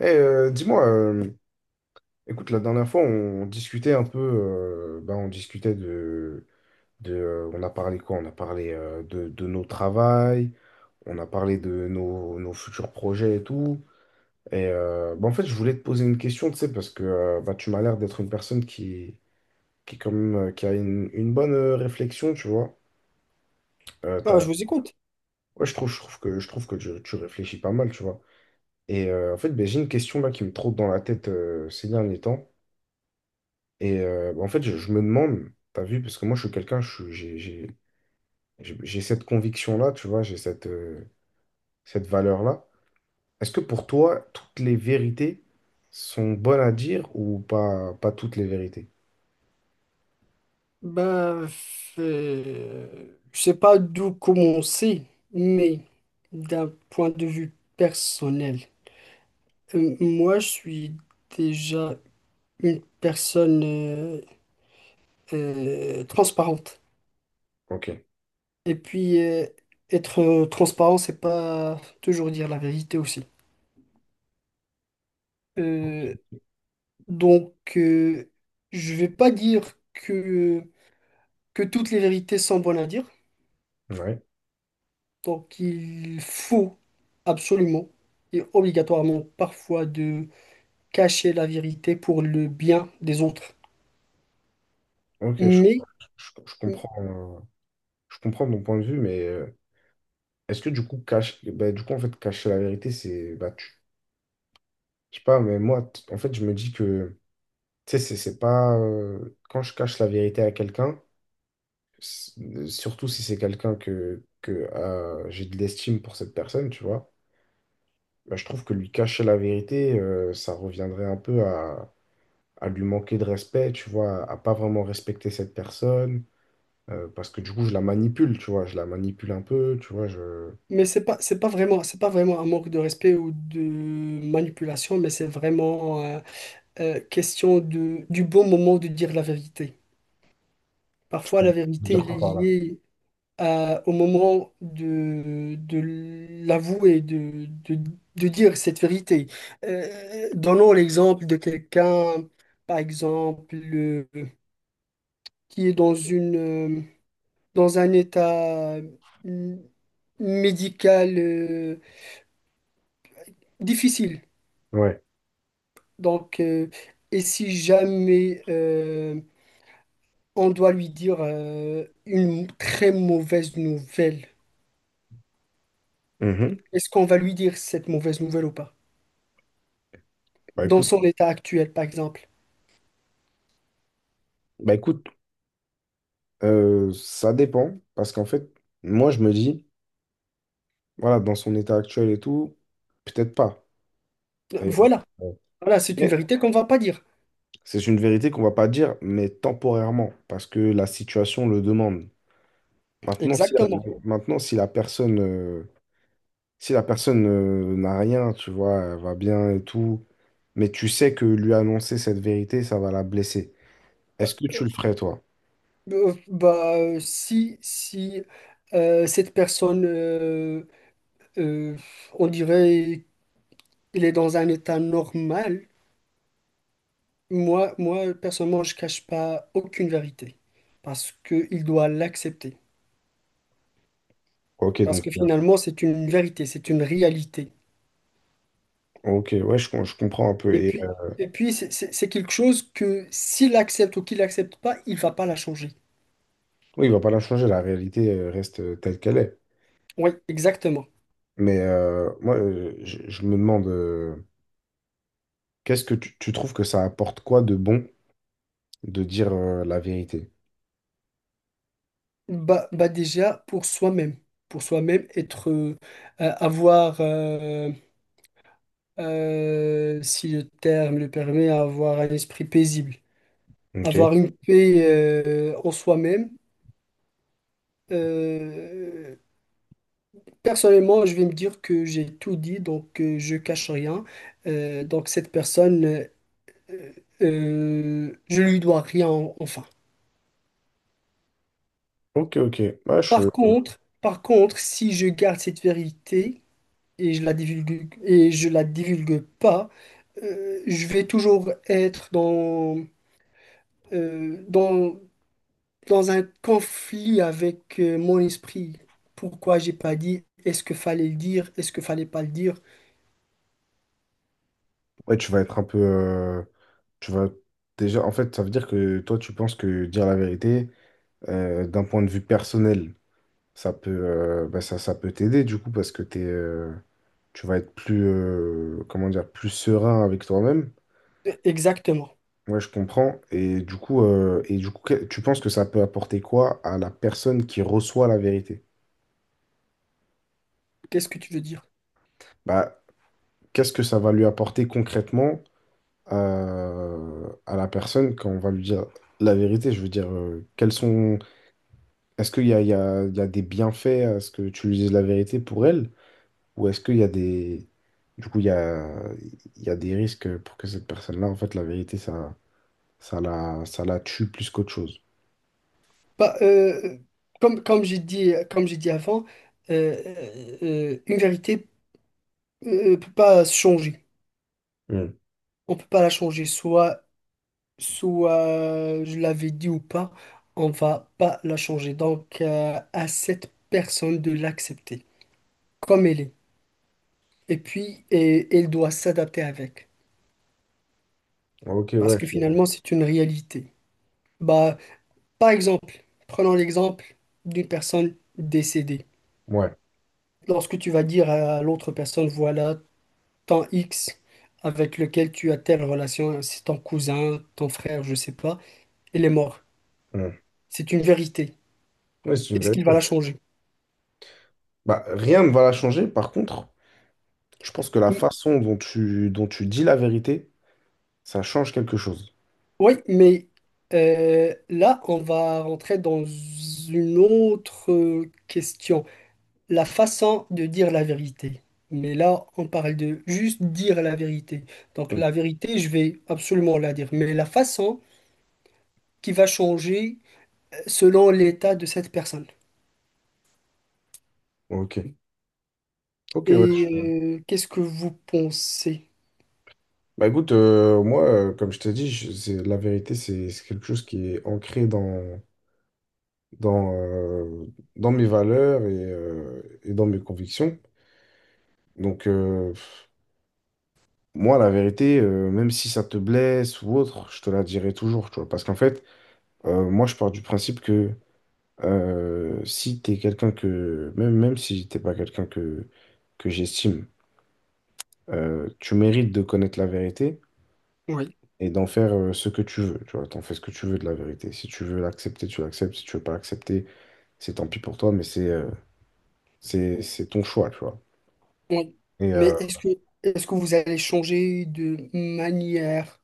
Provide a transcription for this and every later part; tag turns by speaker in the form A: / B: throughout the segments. A: Dis-moi, écoute, la dernière fois, on discutait un peu, on discutait de, on a parlé quoi? On a parlé de nos travails, on a parlé de nos futurs projets et tout. Et en fait, je voulais te poser une question, tu sais, parce que tu m'as l'air d'être une personne qui, quand même, qui a une bonne réflexion, tu vois. Euh,
B: Ah,
A: t'as-
B: je vous écoute.
A: ouais, je trouve que tu réfléchis pas mal, tu vois. Et en fait, ben, j'ai une question là qui me trotte dans la tête ces derniers temps. Et en fait, je me demande, t'as vu, parce que moi, je suis quelqu'un, je suis- j'ai cette conviction-là, tu vois, j'ai cette valeur-là. Est-ce que pour toi, toutes les vérités sont bonnes à dire ou pas, pas toutes les vérités?
B: Bah, je sais pas d'où commencer, mais d'un point de vue personnel, moi, je suis déjà une personne transparente.
A: Ok,
B: Et puis, être transparent, c'est pas toujours dire la vérité aussi. Euh, donc, je vais pas dire que toutes les vérités sont bonnes à dire.
A: ouais,
B: Donc il faut absolument et obligatoirement parfois de cacher la vérité pour le bien des autres.
A: ok, je-
B: Mais
A: je comprends, euh, je comprends ton point de vue, mais est-ce que du coup, cacher la vérité, c'est, je sais pas, mais moi, en fait, je me dis que, tu sais, c'est pas, quand je cache la vérité à quelqu'un, S- surtout si c'est quelqu'un que j'ai de l'estime pour cette personne, tu vois. Bah, je trouve que lui cacher la vérité, ça reviendrait un peu à lui manquer de respect, tu vois, à pas vraiment respecter cette personne, parce que du coup, je la manipule, tu vois, je la manipule un peu, tu vois,
B: mais c'est pas vraiment un manque de respect ou de manipulation, mais c'est vraiment question de du bon moment de dire la vérité. Parfois la
A: je veux
B: vérité
A: dire
B: elle est
A: quoi par là?
B: liée au moment de l'avouer, de dire cette vérité. Donnons l'exemple de quelqu'un, par exemple, qui est dans une, dans un état euh, médical difficile.
A: Ouais.
B: Donc, et si jamais on doit lui dire une très mauvaise nouvelle,
A: Mhm.
B: est-ce qu'on va lui dire cette mauvaise nouvelle ou pas?
A: Bah
B: Dans
A: écoute,
B: son état actuel, par exemple.
A: bah écoute, ça dépend, parce qu'en fait, moi, je me dis, voilà, dans son état actuel et tout, peut-être pas. Et,
B: Voilà,
A: euh,
B: voilà, c'est une vérité qu'on ne va pas dire.
A: c'est une vérité qu'on va pas dire, mais temporairement, parce que la situation le demande. Maintenant, si la,
B: Exactement.
A: maintenant, si la personne, si la personne, n'a rien, tu vois, elle va bien et tout, mais tu sais que lui annoncer cette vérité, ça va la blesser. Est-ce que tu le ferais, toi?
B: Bah, si cette personne, euh, on dirait, il est dans un état normal, moi, personnellement, je cache pas aucune vérité parce qu'il doit l'accepter.
A: Ok,
B: Parce
A: donc,
B: que finalement, c'est une vérité, c'est une réalité.
A: ok, ouais, je comprends un peu.
B: Et
A: Et
B: puis, c'est quelque chose que s'il accepte ou qu'il accepte pas, il va pas la changer.
A: oui, il va pas la changer, la réalité reste telle qu'elle est.
B: Oui, exactement.
A: Mais je me demande, qu'est-ce que tu trouves que ça apporte quoi de bon de dire la vérité?
B: Bah, bah déjà pour soi-même être avoir si le terme le permet, avoir un esprit paisible,
A: Ok.
B: avoir une paix en soi-même. Euh, personnellement, je vais me dire que j'ai tout dit, donc je cache rien. Donc cette personne, euh, je lui dois rien en- enfin.
A: Ok, ok. Ouais, je-
B: Par contre, si je garde cette vérité et je la divulgue et je la divulgue pas, je vais toujours être dans euh, dans dans un conflit avec mon esprit. Pourquoi j'ai pas dit? Est-ce que fallait le dire? Est-ce que fallait pas le dire?
A: ouais, tu vas être un peu. Tu vas déjà. En fait, ça veut dire que toi, tu penses que dire la vérité, d'un point de vue personnel, ça peut, ça peut t'aider du coup parce que t'es, tu vas être plus, comment dire, plus serein avec toi-même.
B: Exactement.
A: Ouais, je comprends. Et du coup, tu penses que ça peut apporter quoi à la personne qui reçoit la vérité?
B: Qu'est-ce que tu veux dire?
A: Bah, qu'est-ce que ça va lui apporter concrètement? À la personne quand on va lui dire la vérité. Je veux dire, quels sont... Est-ce qu'il y a, il y a des bienfaits à ce que tu lui dises la vérité pour elle? Ou est-ce qu'il y a des... Du coup, il y a des risques pour que cette personne-là, en fait, la vérité, ça la tue plus qu'autre chose.
B: Bah, comme j'ai dit avant, euh, euh, une vérité peut pas se changer.
A: Hmm.
B: On peut pas la changer. Soit je l'avais dit ou pas, on va pas la changer. Donc, à cette personne de l'accepter comme elle est. Et puis, elle doit s'adapter avec.
A: Ok,
B: Parce
A: ouais.
B: que
A: Je-
B: finalement, c'est une réalité. Bah, par exemple, prenons l'exemple d'une personne décédée.
A: ouais.
B: Lorsque tu vas dire à l'autre personne, voilà, tant X avec lequel tu as telle relation, c'est ton cousin, ton frère, je sais pas, il est mort.
A: Hmm.
B: C'est une vérité.
A: Ouais, c'est une
B: Est-ce qu'il
A: vérité.
B: va la changer?
A: Bah, rien ne va la changer. Par contre, je pense que la façon dont tu dis la vérité, ça change quelque chose.
B: Oui, mais là, on va rentrer dans une autre question, la façon de dire la vérité. Mais là, on parle de juste dire la vérité. Donc
A: Hmm.
B: la vérité, je vais absolument la dire, mais la façon qui va changer selon l'état de cette personne.
A: Ok. Ok, ouais.
B: Et qu'est-ce que vous pensez?
A: Bah écoute, comme je t'ai dit, c'est, la vérité, c'est quelque chose qui est ancré dans, euh, dans mes valeurs et dans mes convictions. Donc, moi, la vérité, même si ça te blesse ou autre, je te la dirai toujours, tu vois. Parce qu'en fait, moi, je pars du principe que si t'es quelqu'un que, même si t'es pas quelqu'un que j'estime, tu mérites de connaître la vérité.
B: Oui.
A: Et d'en faire ce que tu veux, tu vois, t'en fais ce que tu veux de la vérité. Si tu veux l'accepter, tu l'acceptes, si tu veux pas l'accepter, c'est tant pis pour toi, mais c'est ton choix, tu vois.
B: Oui.
A: Et
B: Mais est-ce que vous allez changer de manière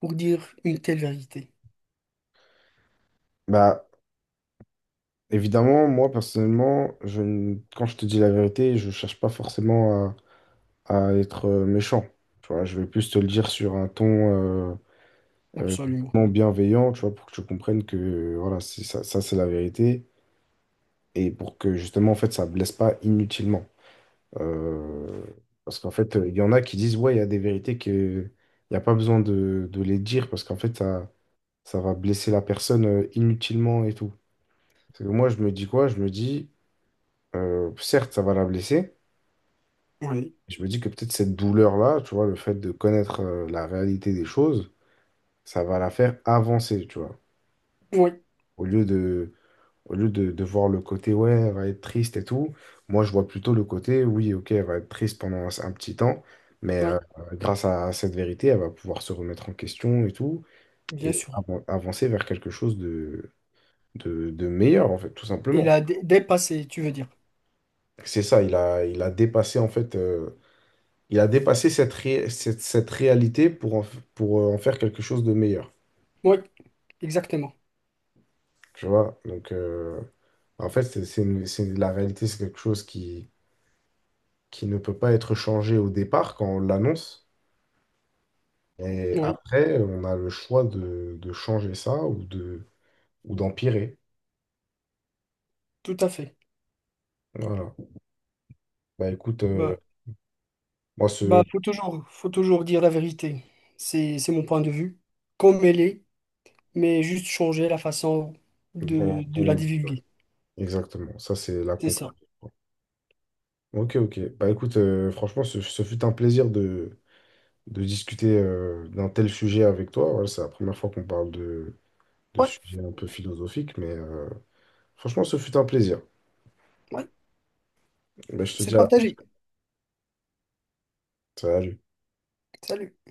B: pour dire une telle vérité?
A: bah évidemment, moi personnellement, je ne- quand je te dis la vérité, je cherche pas forcément à être méchant. Tu vois, je vais plus te le dire sur un ton euh, euh,
B: Absolument.
A: non bienveillant, tu vois, pour que tu comprennes que voilà, c'est ça, ça c'est la vérité et pour que justement en fait ça blesse pas inutilement. Euh, Parce qu'en fait, il y en a qui disent, ouais, il y a des vérités que il n'y a pas besoin de les dire parce qu'en fait, ça va blesser la personne inutilement et tout. C'est que moi, je me dis quoi? Je me dis, certes, ça va la blesser.
B: Oui.
A: Je me dis que peut-être cette douleur-là, tu vois, le fait de connaître la réalité des choses, ça va la faire avancer, tu vois.
B: Oui,
A: Au lieu de, au lieu de voir le côté, ouais, elle va être triste et tout, moi, je vois plutôt le côté, oui, ok, elle va être triste pendant un petit temps, mais
B: oui,
A: grâce à, cette vérité, elle va pouvoir se remettre en question et tout,
B: bien
A: et
B: sûr.
A: avancer vers quelque chose de meilleur, en fait, tout simplement.
B: Il a dépassé, tu veux dire.
A: C'est ça, il a dépassé, en fait, il a dépassé cette réalité pour pour en faire quelque chose de meilleur,
B: Oui, exactement.
A: tu vois? Donc, en fait, la réalité, c'est quelque chose qui ne peut pas être changé au départ quand on l'annonce. Et
B: Oui,
A: après, on a le choix de changer ça ou de, ou d'empirer.
B: tout à fait.
A: Voilà. Bah écoute,
B: Bah,
A: moi,
B: bah,
A: ce.
B: faut toujours dire la vérité. C'est mon point de vue, comme elle est, mais juste changer la façon
A: Bon,
B: de la
A: bon,
B: divulguer.
A: exactement, ça, c'est la
B: C'est
A: conclusion.
B: ça.
A: Ok, ok. Bah écoute, franchement, ce fut un plaisir de discuter d'un tel sujet avec toi. Voilà, c'est la première fois qu'on parle de
B: Ouais,
A: sujets un peu philosophiques, mais franchement, ce fut un plaisir.
B: ouais,
A: Bah, je te dis
B: c'est
A: à la prochaine.
B: partagé.
A: Salut.
B: Salut.